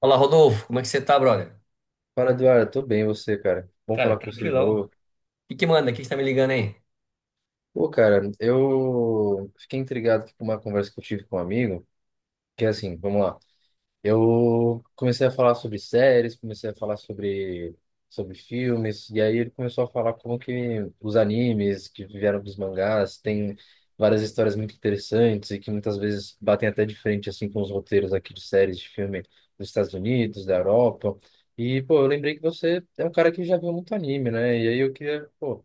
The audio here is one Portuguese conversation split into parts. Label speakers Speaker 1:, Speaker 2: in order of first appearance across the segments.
Speaker 1: Olá, Rodolfo, como é que você tá, brother?
Speaker 2: Fala, Eduardo. Tô bem, e você, cara? Bom
Speaker 1: Cara,
Speaker 2: falar com você de
Speaker 1: tranquilão.
Speaker 2: novo.
Speaker 1: O que que manda? O que que você tá me ligando aí?
Speaker 2: Pô, cara, eu fiquei intrigado aqui com uma conversa que eu tive com um amigo, que é assim, vamos lá. Eu comecei a falar sobre séries, comecei a falar sobre filmes, e aí ele começou a falar como que os animes que vieram dos mangás têm várias histórias muito interessantes e que muitas vezes batem até de frente assim com os roteiros aqui de séries de filme dos Estados Unidos, da Europa. E, pô, eu lembrei que você é um cara que já viu muito anime, né? E aí eu queria, pô,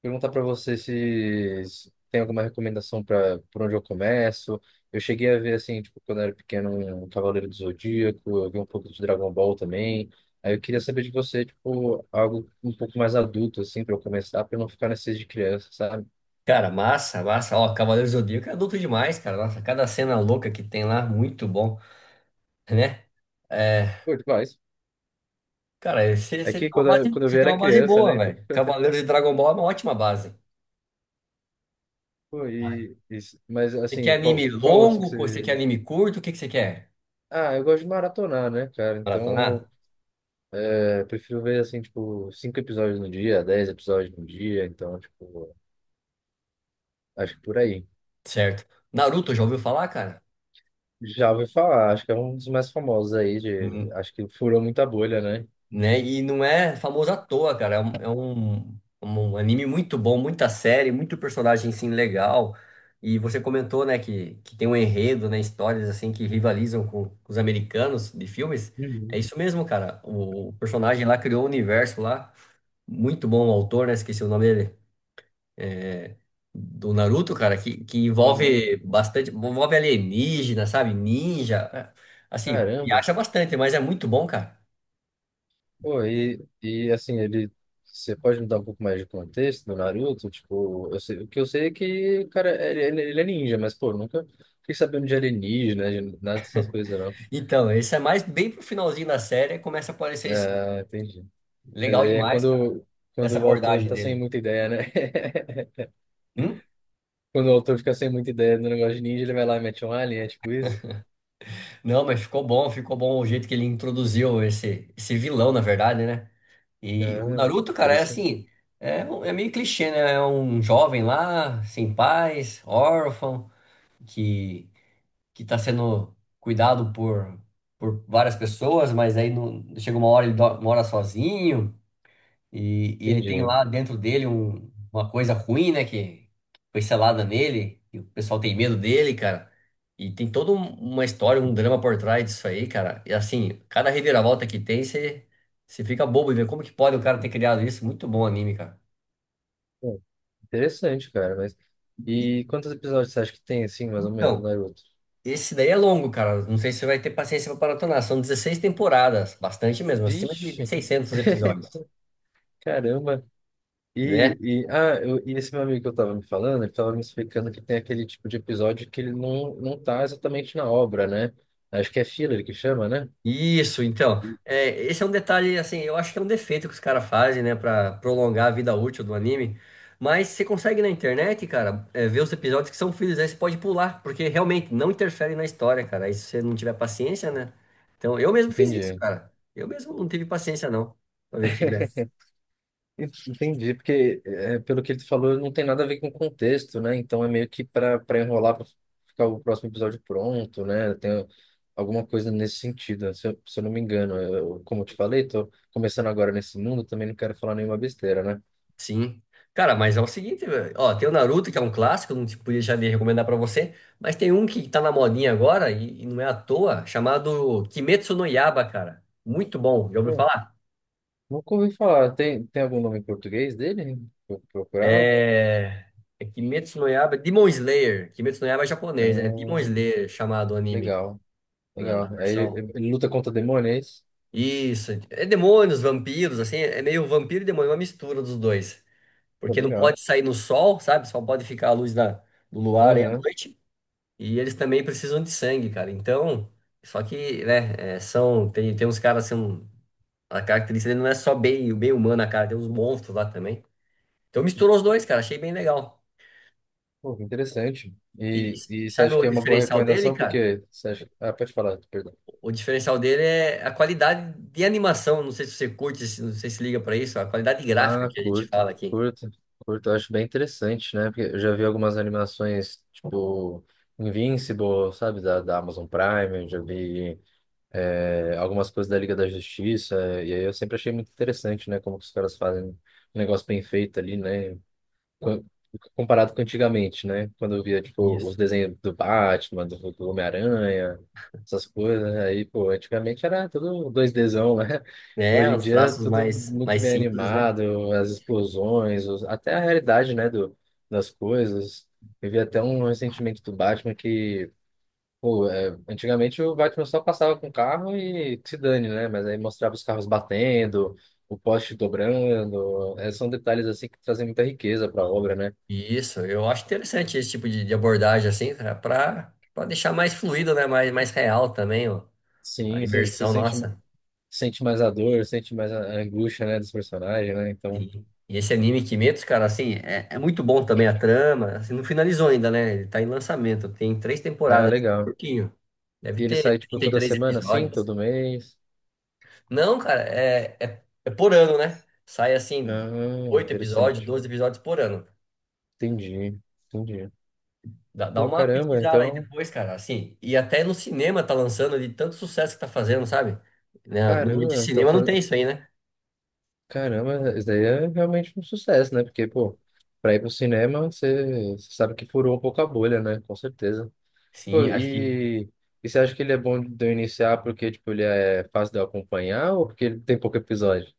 Speaker 2: perguntar para você se tem alguma recomendação para por onde eu começo. Eu cheguei a ver, assim, tipo, quando eu era pequeno, um Cavaleiro do Zodíaco, eu vi um pouco de Dragon Ball também. Aí eu queria saber de você, tipo, algo um pouco mais adulto, assim, para eu começar, para não ficar nesses de criança, sabe?
Speaker 1: Cara, massa, massa. Ó, Cavaleiros do Zodíaco é adulto demais, cara. Nossa, cada cena louca que tem lá, muito bom, né? É,
Speaker 2: Pô, demais.
Speaker 1: cara, você
Speaker 2: É
Speaker 1: você tem
Speaker 2: que
Speaker 1: uma
Speaker 2: quando eu,
Speaker 1: base,
Speaker 2: quando eu
Speaker 1: você
Speaker 2: vi
Speaker 1: tem
Speaker 2: era
Speaker 1: uma base
Speaker 2: criança,
Speaker 1: boa,
Speaker 2: né? Então,
Speaker 1: velho. Cavaleiros e Dragon Ball é uma ótima base.
Speaker 2: pô, mas,
Speaker 1: Você quer
Speaker 2: assim, qual,
Speaker 1: anime
Speaker 2: qual outro que
Speaker 1: longo? Você quer
Speaker 2: você.
Speaker 1: anime curto? O que que você quer?
Speaker 2: Ah, eu gosto de maratonar, né, cara? Então.
Speaker 1: Maratonar?
Speaker 2: É, prefiro ver, assim, tipo, 5 episódios no dia, 10 episódios no dia, então, tipo, acho que por aí.
Speaker 1: Certo. Naruto, já ouviu falar, cara?
Speaker 2: Já ouvi falar, acho que é um dos mais famosos aí, de, acho que furou muita bolha, né?
Speaker 1: Né? E não é famoso à toa, cara. É um anime muito bom, muita série, muito personagem sim legal. E você comentou, né, que tem um enredo, né, histórias assim que rivalizam com os americanos de filmes. É
Speaker 2: Uhum.
Speaker 1: isso mesmo, cara. O personagem lá criou um universo lá, muito bom o autor, né? Esqueci o nome dele. Do Naruto, cara, que
Speaker 2: Uhum.
Speaker 1: envolve bastante, envolve alienígena, sabe? Ninja, né? Assim,
Speaker 2: Caramba!
Speaker 1: viaja bastante, mas é muito bom, cara.
Speaker 2: Pô, e assim, ele. Você pode me dar um pouco mais de contexto do Naruto? Tipo, eu sei, o que eu sei é que, o cara, ele, ele é ninja, mas, pô, nunca fiquei sabendo de alienígena, de nada dessas coisas, não.
Speaker 1: Então, esse é mais bem pro finalzinho da série, começa a aparecer isso.
Speaker 2: Ah, entendi. Mas
Speaker 1: Legal
Speaker 2: aí é
Speaker 1: demais, cara,
Speaker 2: quando,
Speaker 1: essa
Speaker 2: quando o autor
Speaker 1: abordagem
Speaker 2: tá sem
Speaker 1: dele.
Speaker 2: muita ideia, né?
Speaker 1: Hum?
Speaker 2: Quando o autor fica sem muita ideia do negócio de ninja, ele vai lá e mete um alien, é tipo isso?
Speaker 1: Não, mas ficou bom o jeito que ele introduziu esse, esse vilão, na verdade, né? E o
Speaker 2: Ah,
Speaker 1: Naruto, cara, é
Speaker 2: interessante.
Speaker 1: assim, é meio clichê, né? É um jovem lá, sem pais, órfão, que, que tá sendo cuidado por várias pessoas, mas aí não, chega uma hora ele mora sozinho. E ele tem
Speaker 2: Entendi.
Speaker 1: lá dentro dele uma coisa ruim, né? Que foi selada nele. E o pessoal tem medo dele, cara. E tem toda uma história, um drama por trás disso aí, cara. E assim, cada reviravolta que tem, você fica bobo e vê como que pode o cara ter criado isso. Muito bom o anime, cara.
Speaker 2: Pô, interessante, cara, mas...
Speaker 1: E,
Speaker 2: E quantos episódios você acha que tem, assim, mais ou menos,
Speaker 1: então,
Speaker 2: Naruto?
Speaker 1: esse daí é longo, cara. Não sei se você vai ter paciência pra maratonar. São 16 temporadas, bastante mesmo, acima de
Speaker 2: Vixe,
Speaker 1: 600 episódios.
Speaker 2: caramba.
Speaker 1: Né?
Speaker 2: E, e, ah, eu, e esse meu amigo que eu tava me falando, ele tava me explicando que tem aquele tipo de episódio que ele não, não tá exatamente na obra, né? Acho que é filler que chama, né?
Speaker 1: Isso, então. É, esse é um detalhe, assim, eu acho que é um defeito que os caras fazem, né, pra prolongar a vida útil do anime. Mas você consegue na internet, cara, ver os episódios que são filhos, aí você pode pular, porque realmente não interfere na história, cara. Aí se você não tiver paciência, né? Então, eu mesmo fiz isso,
Speaker 2: Entendi.
Speaker 1: cara. Eu mesmo não tive paciência, não, pra ver filha.
Speaker 2: Entendi, porque é, pelo que ele falou, não tem nada a ver com o contexto, né? Então é meio que para enrolar, para ficar o próximo episódio pronto, né? Tem alguma coisa nesse sentido, né? Se eu, se eu não me engano. Eu, como eu te falei, tô começando agora nesse mundo, também não quero falar nenhuma besteira, né?
Speaker 1: Sim. Cara, mas é o seguinte, velho. Ó, tem o Naruto, que é um clássico, não te podia já de recomendar pra você, mas tem um que tá na modinha agora, e não é à toa, chamado Kimetsu no Yaiba, cara. Muito bom, já ouviu
Speaker 2: Pô,
Speaker 1: falar?
Speaker 2: nunca ouvi falar. Tem algum nome em português dele? Vou procurar?
Speaker 1: É... é Kimetsu no Yaiba, Demon Slayer. Kimetsu no Yaiba é japonês, né? Demon
Speaker 2: Ah,
Speaker 1: Slayer, chamado o anime,
Speaker 2: legal,
Speaker 1: na
Speaker 2: legal. É,
Speaker 1: versão.
Speaker 2: ele luta contra demônios?
Speaker 1: Isso, é demônios, vampiros, assim, é meio vampiro e demônio, uma mistura dos dois.
Speaker 2: Pô,
Speaker 1: Porque não
Speaker 2: legal.
Speaker 1: pode sair no sol, sabe? Só pode ficar a luz da, do luar aí à
Speaker 2: Aham.
Speaker 1: noite. E eles também precisam de sangue, cara. Então, só que, né, é, são, tem uns caras assim, um, a característica dele não é só bem, o bem humano, cara, tem uns monstros lá também. Então misturou os dois, cara, achei bem legal.
Speaker 2: Pô, que interessante.
Speaker 1: E
Speaker 2: E você
Speaker 1: sabe
Speaker 2: acha
Speaker 1: o
Speaker 2: que é uma boa
Speaker 1: diferencial dele,
Speaker 2: recomendação?
Speaker 1: cara?
Speaker 2: Porque você acha... Ah, pode falar, perdão.
Speaker 1: O diferencial dele é a qualidade de animação, não sei se você curte, não sei se liga pra isso, a qualidade gráfica
Speaker 2: Ah,
Speaker 1: que a gente
Speaker 2: curta,
Speaker 1: fala aqui.
Speaker 2: curta, curta. Eu acho bem interessante, né? Porque eu já vi algumas animações, tipo Invincible, sabe? Da Amazon Prime, eu já vi algumas coisas da Liga da Justiça. E aí eu sempre achei muito interessante, né? Como que os caras fazem um negócio bem feito ali, né? co- Comparado com antigamente, né? Quando eu via, tipo, os
Speaker 1: Isso.
Speaker 2: desenhos do Batman, do Homem-Aranha, essas coisas, né? Aí, pô, antigamente era tudo dois dzão né?
Speaker 1: É,
Speaker 2: Hoje em
Speaker 1: os
Speaker 2: dia é
Speaker 1: traços
Speaker 2: tudo
Speaker 1: mais,
Speaker 2: muito
Speaker 1: mais
Speaker 2: bem
Speaker 1: simples, né?
Speaker 2: animado, as explosões, os- até a realidade, né, do, das coisas. Eu vi até um ressentimento do Batman que, pô, é, antigamente o Batman só passava com o carro e que se dane, né? Mas aí mostrava os carros batendo, o poste dobrando, é, são detalhes assim que trazem muita riqueza para a obra, né?
Speaker 1: Isso, eu acho interessante esse tipo de abordagem assim, para deixar mais fluido, né, mais real também, ó, a
Speaker 2: Sim, você
Speaker 1: imersão
Speaker 2: sente,
Speaker 1: nossa.
Speaker 2: sente mais a dor, sente mais a angústia, né, dos personagens, né? Então,
Speaker 1: Sim. E esse anime Kimetsu, cara, assim, é muito bom também a trama, assim, não finalizou ainda, né? Ele tá em lançamento, tem três
Speaker 2: é
Speaker 1: temporadas, assim,
Speaker 2: legal.
Speaker 1: curtinho. Deve
Speaker 2: E ele
Speaker 1: ter
Speaker 2: sai, tipo,
Speaker 1: trinta e
Speaker 2: toda
Speaker 1: três
Speaker 2: semana, assim,
Speaker 1: episódios.
Speaker 2: todo mês?
Speaker 1: Não, cara, é por ano, né? Sai assim,
Speaker 2: Ah,
Speaker 1: oito episódios,
Speaker 2: interessante.
Speaker 1: 12 episódios por ano.
Speaker 2: Entendi, entendi.
Speaker 1: Dá
Speaker 2: Pô,
Speaker 1: uma
Speaker 2: caramba,
Speaker 1: pesquisada aí
Speaker 2: então...
Speaker 1: depois, cara, assim. E até no cinema tá lançando de tanto sucesso que tá fazendo, sabe? Né? No de
Speaker 2: Caramba, então
Speaker 1: cinema não tem
Speaker 2: fazendo...
Speaker 1: isso aí, né?
Speaker 2: Caramba, isso daí é realmente um sucesso, né? Porque, pô, pra ir pro cinema, você sabe que furou um pouco a bolha, né? Com certeza. Pô,
Speaker 1: Sim, acho que.
Speaker 2: e... E você acha que ele é bom de eu iniciar porque, tipo, ele é fácil de eu acompanhar ou porque ele tem pouco episódio?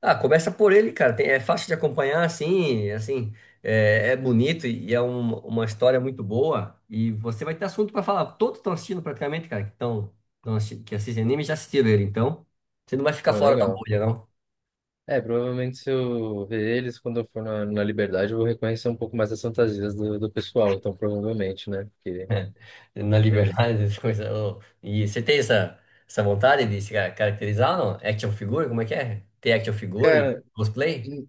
Speaker 1: Ah, começa por ele, cara. É fácil de acompanhar, assim, assim. É bonito e é uma história muito boa. E você vai ter assunto pra falar. Todos estão assistindo praticamente, cara, que assistem anime já assistiram ele. Então, você não vai ficar
Speaker 2: Pô,
Speaker 1: fora da
Speaker 2: legal.
Speaker 1: bolha, não.
Speaker 2: É, provavelmente se eu ver eles quando eu for na, na Liberdade, eu vou reconhecer um pouco mais as fantasias do, do pessoal, então provavelmente, né? Porque,
Speaker 1: Na
Speaker 2: ele-
Speaker 1: liberdade, essas coisas. Ô. E você tem essa vontade de se caracterizar, não? Action figure, como é que é? Ter action figure e
Speaker 2: cara,
Speaker 1: cosplay?
Speaker 2: hum,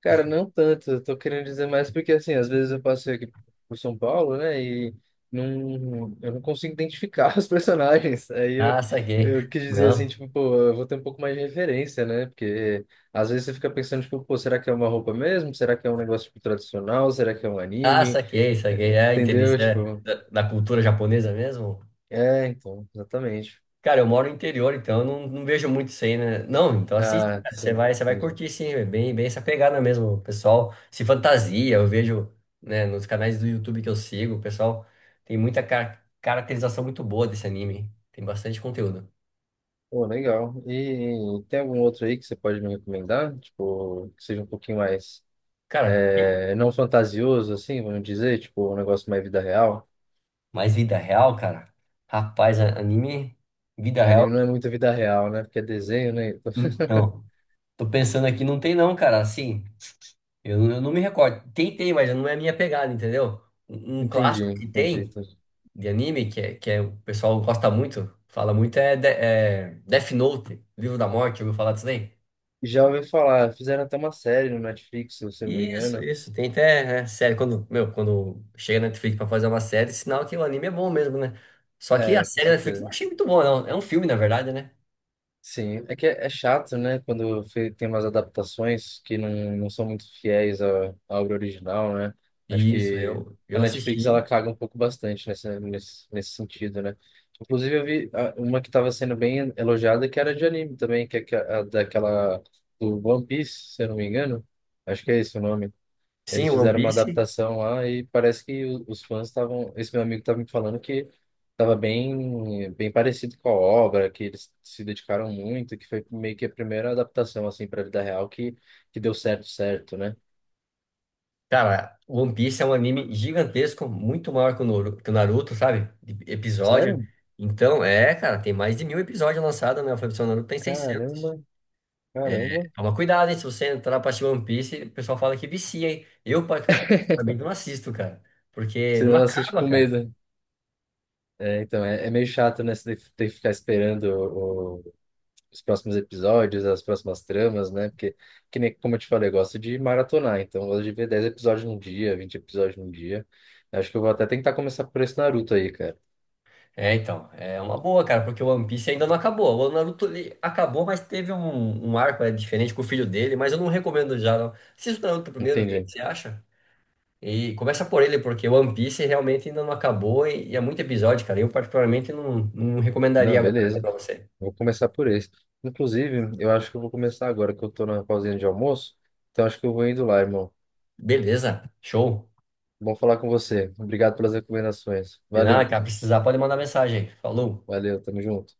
Speaker 2: cara, não tanto, eu tô querendo dizer mais porque, assim, às vezes eu passei aqui por São Paulo, né, e não, eu não consigo identificar os personagens, aí
Speaker 1: Ah, saquei.
Speaker 2: eu quis dizer assim,
Speaker 1: Não.
Speaker 2: tipo, pô, eu vou ter um pouco mais de referência, né, porque às vezes você fica pensando, tipo, pô, será que é uma roupa mesmo? Será que é um negócio, tipo, tradicional? Será que é um
Speaker 1: Ah,
Speaker 2: anime?
Speaker 1: saquei,
Speaker 2: É,
Speaker 1: saquei. É, entendi.
Speaker 2: entendeu?
Speaker 1: Isso é
Speaker 2: Tipo...
Speaker 1: da, da cultura japonesa mesmo?
Speaker 2: É, então, exatamente.
Speaker 1: Cara, eu moro no interior, então eu não vejo muito isso aí, né? Não, então assiste,
Speaker 2: Ah,
Speaker 1: cara. Você
Speaker 2: sim,
Speaker 1: vai, você vai
Speaker 2: entendi.
Speaker 1: curtir, sim. É bem, bem essa pegada mesmo. O pessoal se fantasia. Eu vejo, né, nos canais do YouTube que eu sigo, o pessoal tem muita caracterização muito boa desse anime. Tem bastante conteúdo.
Speaker 2: Pô, legal. E tem algum outro aí que você pode me recomendar? Tipo, que seja um pouquinho mais,
Speaker 1: Cara,
Speaker 2: é, não fantasioso, assim, vamos dizer, tipo, um negócio mais vida real.
Speaker 1: mas vida real, cara? Rapaz, anime, vida real,
Speaker 2: Anime não é muito vida real, né? Porque é desenho, né? Então,
Speaker 1: não. Tô pensando aqui, não tem não, cara, assim, eu não me recordo. Tem, mas não é a minha pegada, entendeu? Um
Speaker 2: entendi,
Speaker 1: clássico que
Speaker 2: entendi,
Speaker 1: tem
Speaker 2: entendi.
Speaker 1: de anime, que é, o pessoal gosta muito, fala muito, é Death Note, Livro da Morte, ouviu falar disso daí?
Speaker 2: Já ouvi falar, fizeram até uma série no Netflix, se eu não me
Speaker 1: Isso,
Speaker 2: engano.
Speaker 1: isso, tem até, né, série, quando chega na Netflix pra fazer uma série, sinal que o anime é bom mesmo, né? Só que a
Speaker 2: É, com
Speaker 1: série da Netflix eu não
Speaker 2: certeza.
Speaker 1: achei muito boa, não. É um filme, na verdade, né?
Speaker 2: Sim, é que é, é chato, né? Quando fe- tem umas adaptações que não, não são muito fiéis à, à obra original, né? Acho
Speaker 1: Isso,
Speaker 2: que
Speaker 1: eu,
Speaker 2: a
Speaker 1: eu
Speaker 2: Netflix ela
Speaker 1: assisti.
Speaker 2: caga um pouco bastante nessa, nesse, nesse sentido, né? Inclusive, eu vi ah, uma que estava sendo bem elogiada que era de anime também, que- é a, daquela do One Piece, se eu não me engano. Acho que é esse o nome.
Speaker 1: Sim,
Speaker 2: Eles
Speaker 1: One
Speaker 2: fizeram uma
Speaker 1: Piece.
Speaker 2: adaptação lá e parece que o- os fãs estavam. Esse meu amigo estava me falando que estava bem, bem parecido com a obra, que eles se dedicaram muito, que foi meio que a primeira adaptação assim para a vida real que deu certo, certo, né?
Speaker 1: Cara, One Piece é um anime gigantesco, muito maior que o Naruto, sabe? De Episódio.
Speaker 2: Sério?
Speaker 1: Então, cara, tem mais de mil episódios lançados, né? O Fabiano Naruto tem
Speaker 2: Caramba,
Speaker 1: 600.
Speaker 2: caramba.
Speaker 1: Toma cuidado, hein? Se você entrar pra assistir One Piece, o pessoal fala que vicia, hein? Eu, particularmente, não assisto, cara. Porque
Speaker 2: Você
Speaker 1: não
Speaker 2: não assiste
Speaker 1: acaba,
Speaker 2: com
Speaker 1: cara.
Speaker 2: medo. É, então, é, é meio chato, né? Você ter que ficar esperando os próximos episódios, as próximas tramas, né? Porque, que nem, como eu te falei, eu gosto de maratonar, então eu gosto de ver 10 episódios num dia, 20 episódios num dia. Acho que eu vou até tentar começar por esse Naruto aí, cara.
Speaker 1: É, então, é uma boa, cara, porque o One Piece ainda não acabou. O Naruto ele acabou, mas teve um arco diferente com o filho dele, mas eu não recomendo já, não. Assista o Naruto primeiro, vê o que
Speaker 2: Entendi.
Speaker 1: você acha? E começa por ele, porque o One Piece realmente ainda não acabou e é muito episódio, cara. Eu particularmente não
Speaker 2: Não,
Speaker 1: recomendaria agora
Speaker 2: beleza.
Speaker 1: pra você.
Speaker 2: Vou começar por esse. Inclusive, eu acho que eu vou começar agora que eu tô na pausinha de almoço, então acho que eu vou indo lá, irmão.
Speaker 1: Beleza, show.
Speaker 2: Bom falar com você. Obrigado pelas recomendações.
Speaker 1: De nada,
Speaker 2: Valeu,
Speaker 1: cara, precisar pode mandar mensagem. Falou.
Speaker 2: valeu, tamo junto.